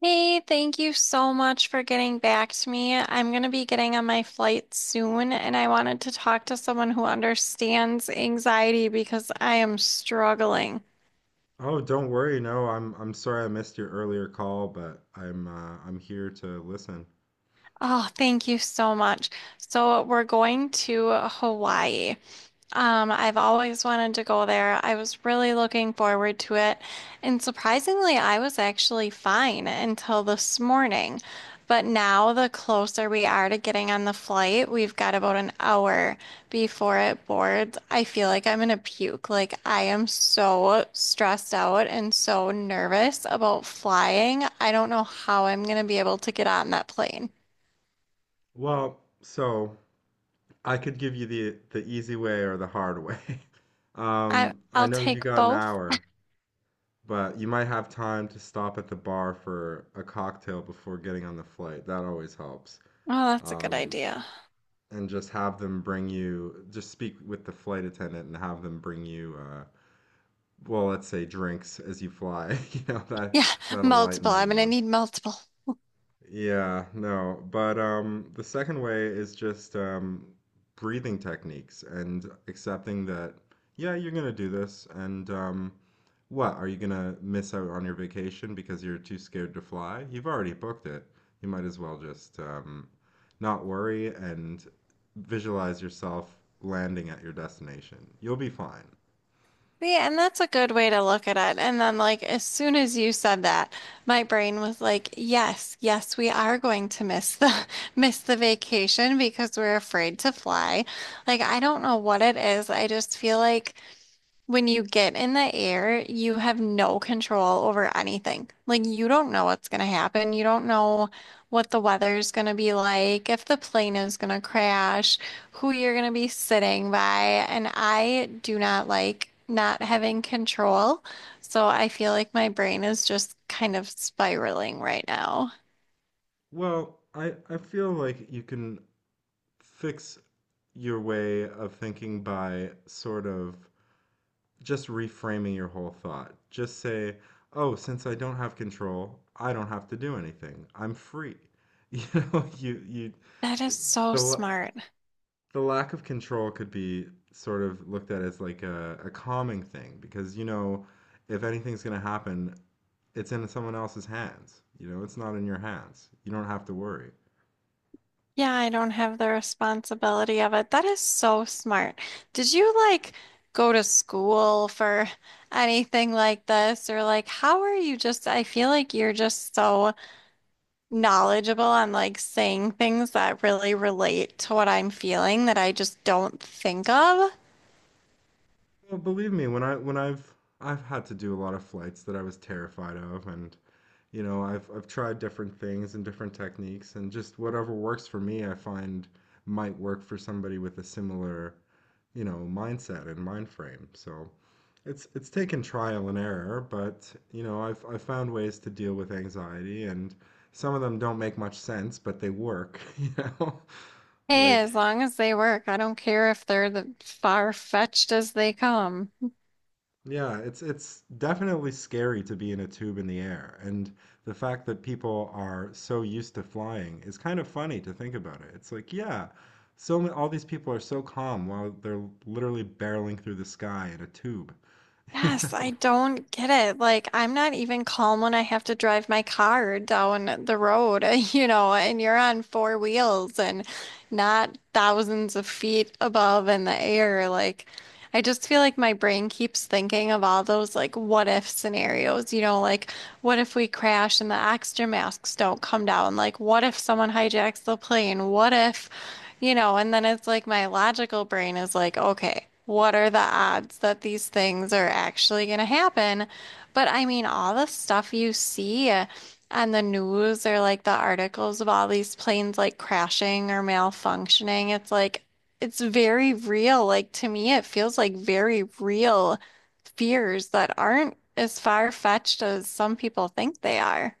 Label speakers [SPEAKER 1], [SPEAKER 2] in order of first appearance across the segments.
[SPEAKER 1] Hey, thank you so much for getting back to me. I'm going to be getting on my flight soon, and I wanted to talk to someone who understands anxiety because I am struggling.
[SPEAKER 2] Oh, don't worry. No, I'm sorry I missed your earlier call, but I'm here to listen.
[SPEAKER 1] Oh, thank you so much. So, we're going to Hawaii. I've always wanted to go there. I was really looking forward to it. And surprisingly, I was actually fine until this morning. But now, the closer we are to getting on the flight, we've got about an hour before it boards. I feel like I'm gonna puke. Like, I am so stressed out and so nervous about flying. I don't know how I'm gonna be able to get on that plane.
[SPEAKER 2] So I could give you the easy way or the hard way.
[SPEAKER 1] I,
[SPEAKER 2] I
[SPEAKER 1] I'll
[SPEAKER 2] know you
[SPEAKER 1] take
[SPEAKER 2] got an
[SPEAKER 1] both.
[SPEAKER 2] hour, but you might have time to stop at the bar for a cocktail before getting on the flight. That always helps.
[SPEAKER 1] Oh, that's a good
[SPEAKER 2] Um,
[SPEAKER 1] idea.
[SPEAKER 2] and just have them bring you, just speak with the flight attendant and have them bring you, well, let's say drinks as you fly. That
[SPEAKER 1] Yeah,
[SPEAKER 2] that'll lighten
[SPEAKER 1] multiple.
[SPEAKER 2] the
[SPEAKER 1] I'm gonna
[SPEAKER 2] load.
[SPEAKER 1] need multiple.
[SPEAKER 2] Yeah, no. But the second way is just breathing techniques and accepting that, yeah, you're gonna do this. And are you gonna miss out on your vacation because you're too scared to fly? You've already booked it. You might as well just not worry and visualize yourself landing at your destination. You'll be fine.
[SPEAKER 1] Yeah, and that's a good way to look at it. And then, like, as soon as you said that, my brain was like, yes, yes, we are going to miss the miss the vacation because we're afraid to fly. Like, I don't know what it is. I just feel like when you get in the air, you have no control over anything. Like, you don't know what's going to happen. You don't know what the weather's going to be like, if the plane is going to crash, who you're going to be sitting by. And I do not like not having control. So I feel like my brain is just kind of spiraling right now.
[SPEAKER 2] I feel like you can fix your way of thinking by sort of just reframing your whole thought. Just say, "Oh, since I don't have control, I don't have to do anything. I'm free." You know,
[SPEAKER 1] That is so
[SPEAKER 2] the la-
[SPEAKER 1] smart.
[SPEAKER 2] the lack of control could be sort of looked at as like a calming thing because you know if anything's going to happen, it's in someone else's hands. You know, it's not in your hands. You don't have to worry.
[SPEAKER 1] Yeah, I don't have the responsibility of it. That is so smart. Did you like go to school for anything like this? Or like, how are you just, I feel like you're just so knowledgeable on like saying things that really relate to what I'm feeling that I just don't think of.
[SPEAKER 2] Well, believe me, when I've had to do a lot of flights that I was terrified of, and you know I've tried different things and different techniques, and just whatever works for me I find might work for somebody with a similar, you know, mindset and mind frame. So it's taken trial and error, but you know I've found ways to deal with anxiety, and some of them don't make much sense, but they work, you know.
[SPEAKER 1] Hey,
[SPEAKER 2] Like
[SPEAKER 1] as long as they work, I don't care if they're the far-fetched as they come.
[SPEAKER 2] yeah, it's definitely scary to be in a tube in the air, and the fact that people are so used to flying is kind of funny to think about it. It's like, yeah, all these people are so calm while they're literally barreling through the sky in a tube. You
[SPEAKER 1] Yes, I
[SPEAKER 2] know?
[SPEAKER 1] don't get it. Like, I'm not even calm when I have to drive my car down the road, you know, and you're on four wheels and not thousands of feet above in the air. Like, I just feel like my brain keeps thinking of all those like what if scenarios, you know, like what if we crash and the oxygen masks don't come down? Like what if someone hijacks the plane? What if, you know, and then it's like my logical brain is like, okay, what are the odds that these things are actually going to happen? But I mean, all the stuff you see on the news or like the articles of all these planes like crashing or malfunctioning, it's like it's very real. Like to me, it feels like very real fears that aren't as far-fetched as some people think they are.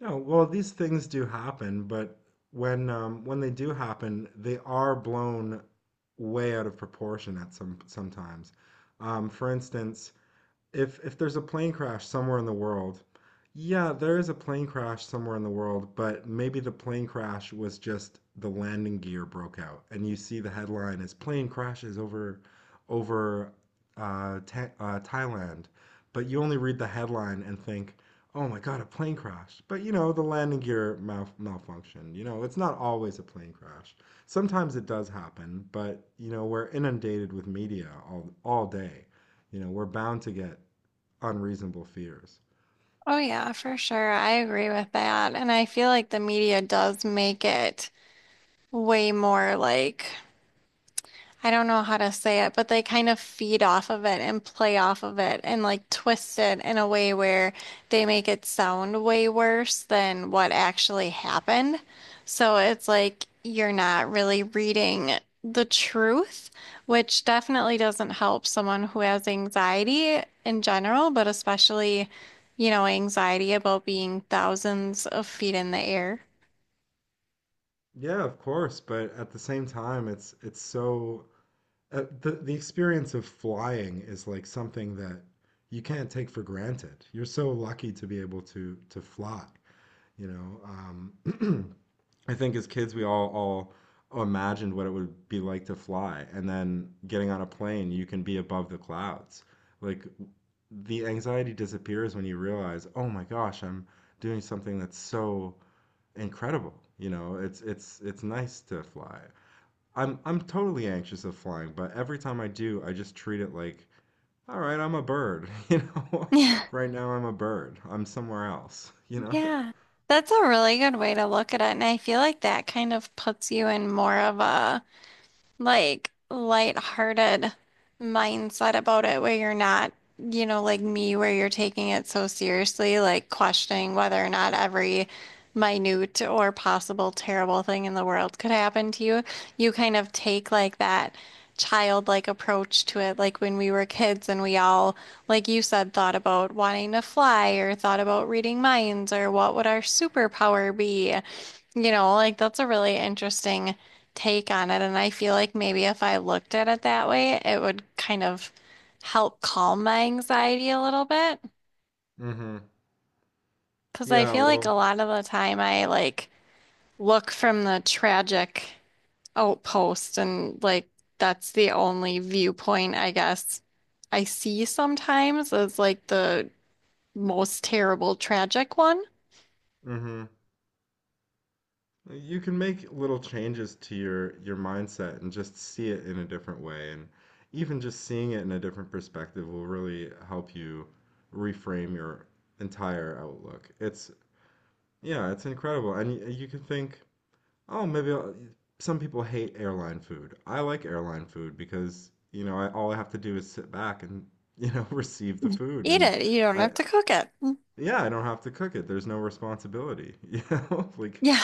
[SPEAKER 2] Yeah. Well, these things do happen, but when they do happen, they are blown way out of proportion at sometimes. For instance, if there's a plane crash somewhere in the world, yeah, there is a plane crash somewhere in the world, but maybe the plane crash was just the landing gear broke out, and you see the headline is plane crashes over Thailand, but you only read the headline and think, oh my God, a plane crash. But you know, the landing gear malfunction. You know, it's not always a plane crash. Sometimes it does happen, but you know, we're inundated with media all day. You know, we're bound to get unreasonable fears.
[SPEAKER 1] Oh yeah, for sure. I agree with that. And I feel like the media does make it way more like, I don't know how to say it, but they kind of feed off of it and play off of it and like twist it in a way where they make it sound way worse than what actually happened. So it's like you're not really reading the truth, which definitely doesn't help someone who has anxiety in general, but especially, you know, anxiety about being thousands of feet in the air.
[SPEAKER 2] Yeah, of course, but at the same time, it's so the experience of flying is like something that you can't take for granted. You're so lucky to be able to fly. You know, I think as kids we all imagined what it would be like to fly, and then getting on a plane, you can be above the clouds. Like the anxiety disappears when you realize, oh my gosh, I'm doing something that's so incredible. You know, it's nice to fly. I'm totally anxious of flying, but every time I do, I just treat it like, all right, I'm a bird, you know? Right now I'm a bird. I'm somewhere else, you know?
[SPEAKER 1] Yeah, that's a really good way to look at it. And I feel like that kind of puts you in more of a like lighthearted mindset about it where you're not, you know, like me, where you're taking it so seriously, like questioning whether or not every minute or possible terrible thing in the world could happen to you. You kind of take like that childlike approach to it, like when we were kids and we all, like you said, thought about wanting to fly or thought about reading minds or what would our superpower be. You know, like that's a really interesting take on it. And I feel like maybe if I looked at it that way, it would kind of help calm my anxiety a little bit.
[SPEAKER 2] Mm-hmm.
[SPEAKER 1] Because I
[SPEAKER 2] Yeah,
[SPEAKER 1] feel like a
[SPEAKER 2] well,
[SPEAKER 1] lot of the time I like look from the tragic outpost and like that's the only viewpoint I guess I see sometimes is like the most terrible tragic one.
[SPEAKER 2] mm-hmm. You can make little changes to your mindset and just see it in a different way. And even just seeing it in a different perspective will really help you reframe your entire outlook. It's incredible. And you can think, oh, maybe I'll, some people hate airline food. I like airline food because, you know, all I have to do is sit back and, you know, receive the food.
[SPEAKER 1] Eat
[SPEAKER 2] And
[SPEAKER 1] it. You don't
[SPEAKER 2] I
[SPEAKER 1] have to cook it. Mm.
[SPEAKER 2] yeah, I don't have to cook it. There's no responsibility, you know? Like
[SPEAKER 1] Yeah.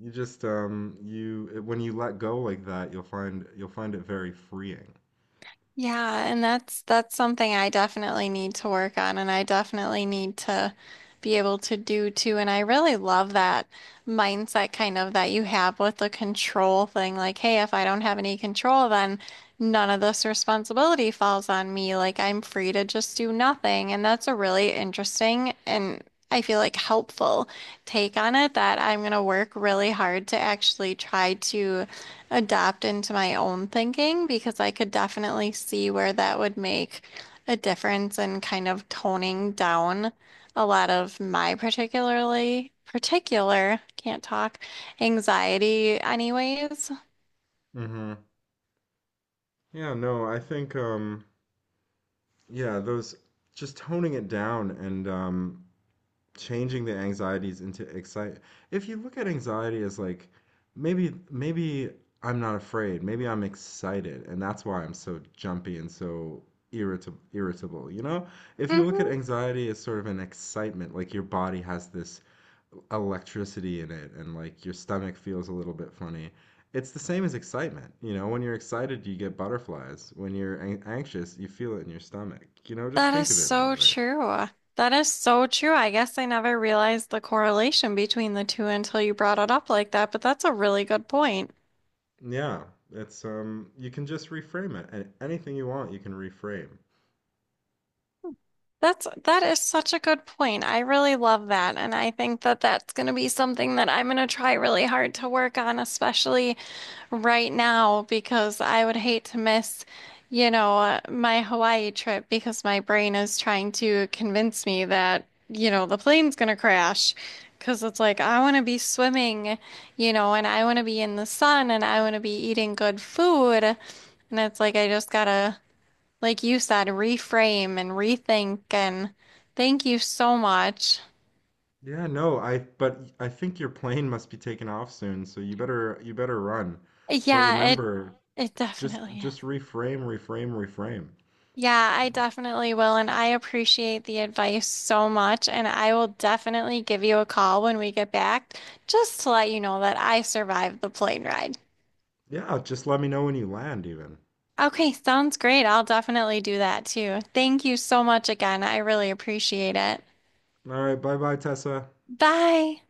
[SPEAKER 2] you just you when you let go like that, you'll find it very freeing.
[SPEAKER 1] Yeah, and that's something I definitely need to work on and I definitely need to be able to do too. And I really love that mindset kind of that you have with the control thing. Like, hey, if I don't have any control, then none of this responsibility falls on me. Like I'm free to just do nothing. And that's a really interesting and I feel like helpful take on it that I'm gonna work really hard to actually try to adapt into my own thinking because I could definitely see where that would make a difference in kind of toning down a lot of my particular, can't talk, anxiety anyways.
[SPEAKER 2] Hmm. Yeah, no, I think yeah, those just toning it down, and changing the anxieties into excite if you look at anxiety as like, maybe I'm not afraid, maybe I'm excited, and that's why I'm so jumpy and so irritable, you know. If you look at
[SPEAKER 1] Hmm.
[SPEAKER 2] anxiety as sort of an excitement, like your body has this electricity in it, and like your stomach feels a little bit funny, it's the same as excitement. You know, when you're excited you get butterflies; when you're anxious you feel it in your stomach. You know, just
[SPEAKER 1] That is
[SPEAKER 2] think of it that
[SPEAKER 1] so
[SPEAKER 2] way.
[SPEAKER 1] true. That is so true. I guess I never realized the correlation between the two until you brought it up like that, but that's a really good point.
[SPEAKER 2] Yeah, it's you can just reframe it. And anything you want, you can reframe.
[SPEAKER 1] That is such a good point. I really love that, and I think that that's going to be something that I'm going to try really hard to work on, especially right now, because I would hate to miss, you know, my Hawaii trip because my brain is trying to convince me that, you know, the plane's going to crash. Because it's like, I want to be swimming, you know, and I want to be in the sun and I want to be eating good food. And it's like, I just gotta like you said, reframe and rethink. And thank you so much.
[SPEAKER 2] Yeah, no, I but I think your plane must be taking off soon, so you better run. But
[SPEAKER 1] Yeah,
[SPEAKER 2] remember,
[SPEAKER 1] it definitely
[SPEAKER 2] just
[SPEAKER 1] is.
[SPEAKER 2] reframe, reframe, reframe.
[SPEAKER 1] Yeah, I definitely will. And I appreciate the advice so much. And I will definitely give you a call when we get back just to let you know that I survived the plane ride.
[SPEAKER 2] Yeah, just let me know when you land even.
[SPEAKER 1] Okay, sounds great. I'll definitely do that too. Thank you so much again. I really appreciate it.
[SPEAKER 2] All right, bye-bye, Tessa.
[SPEAKER 1] Bye.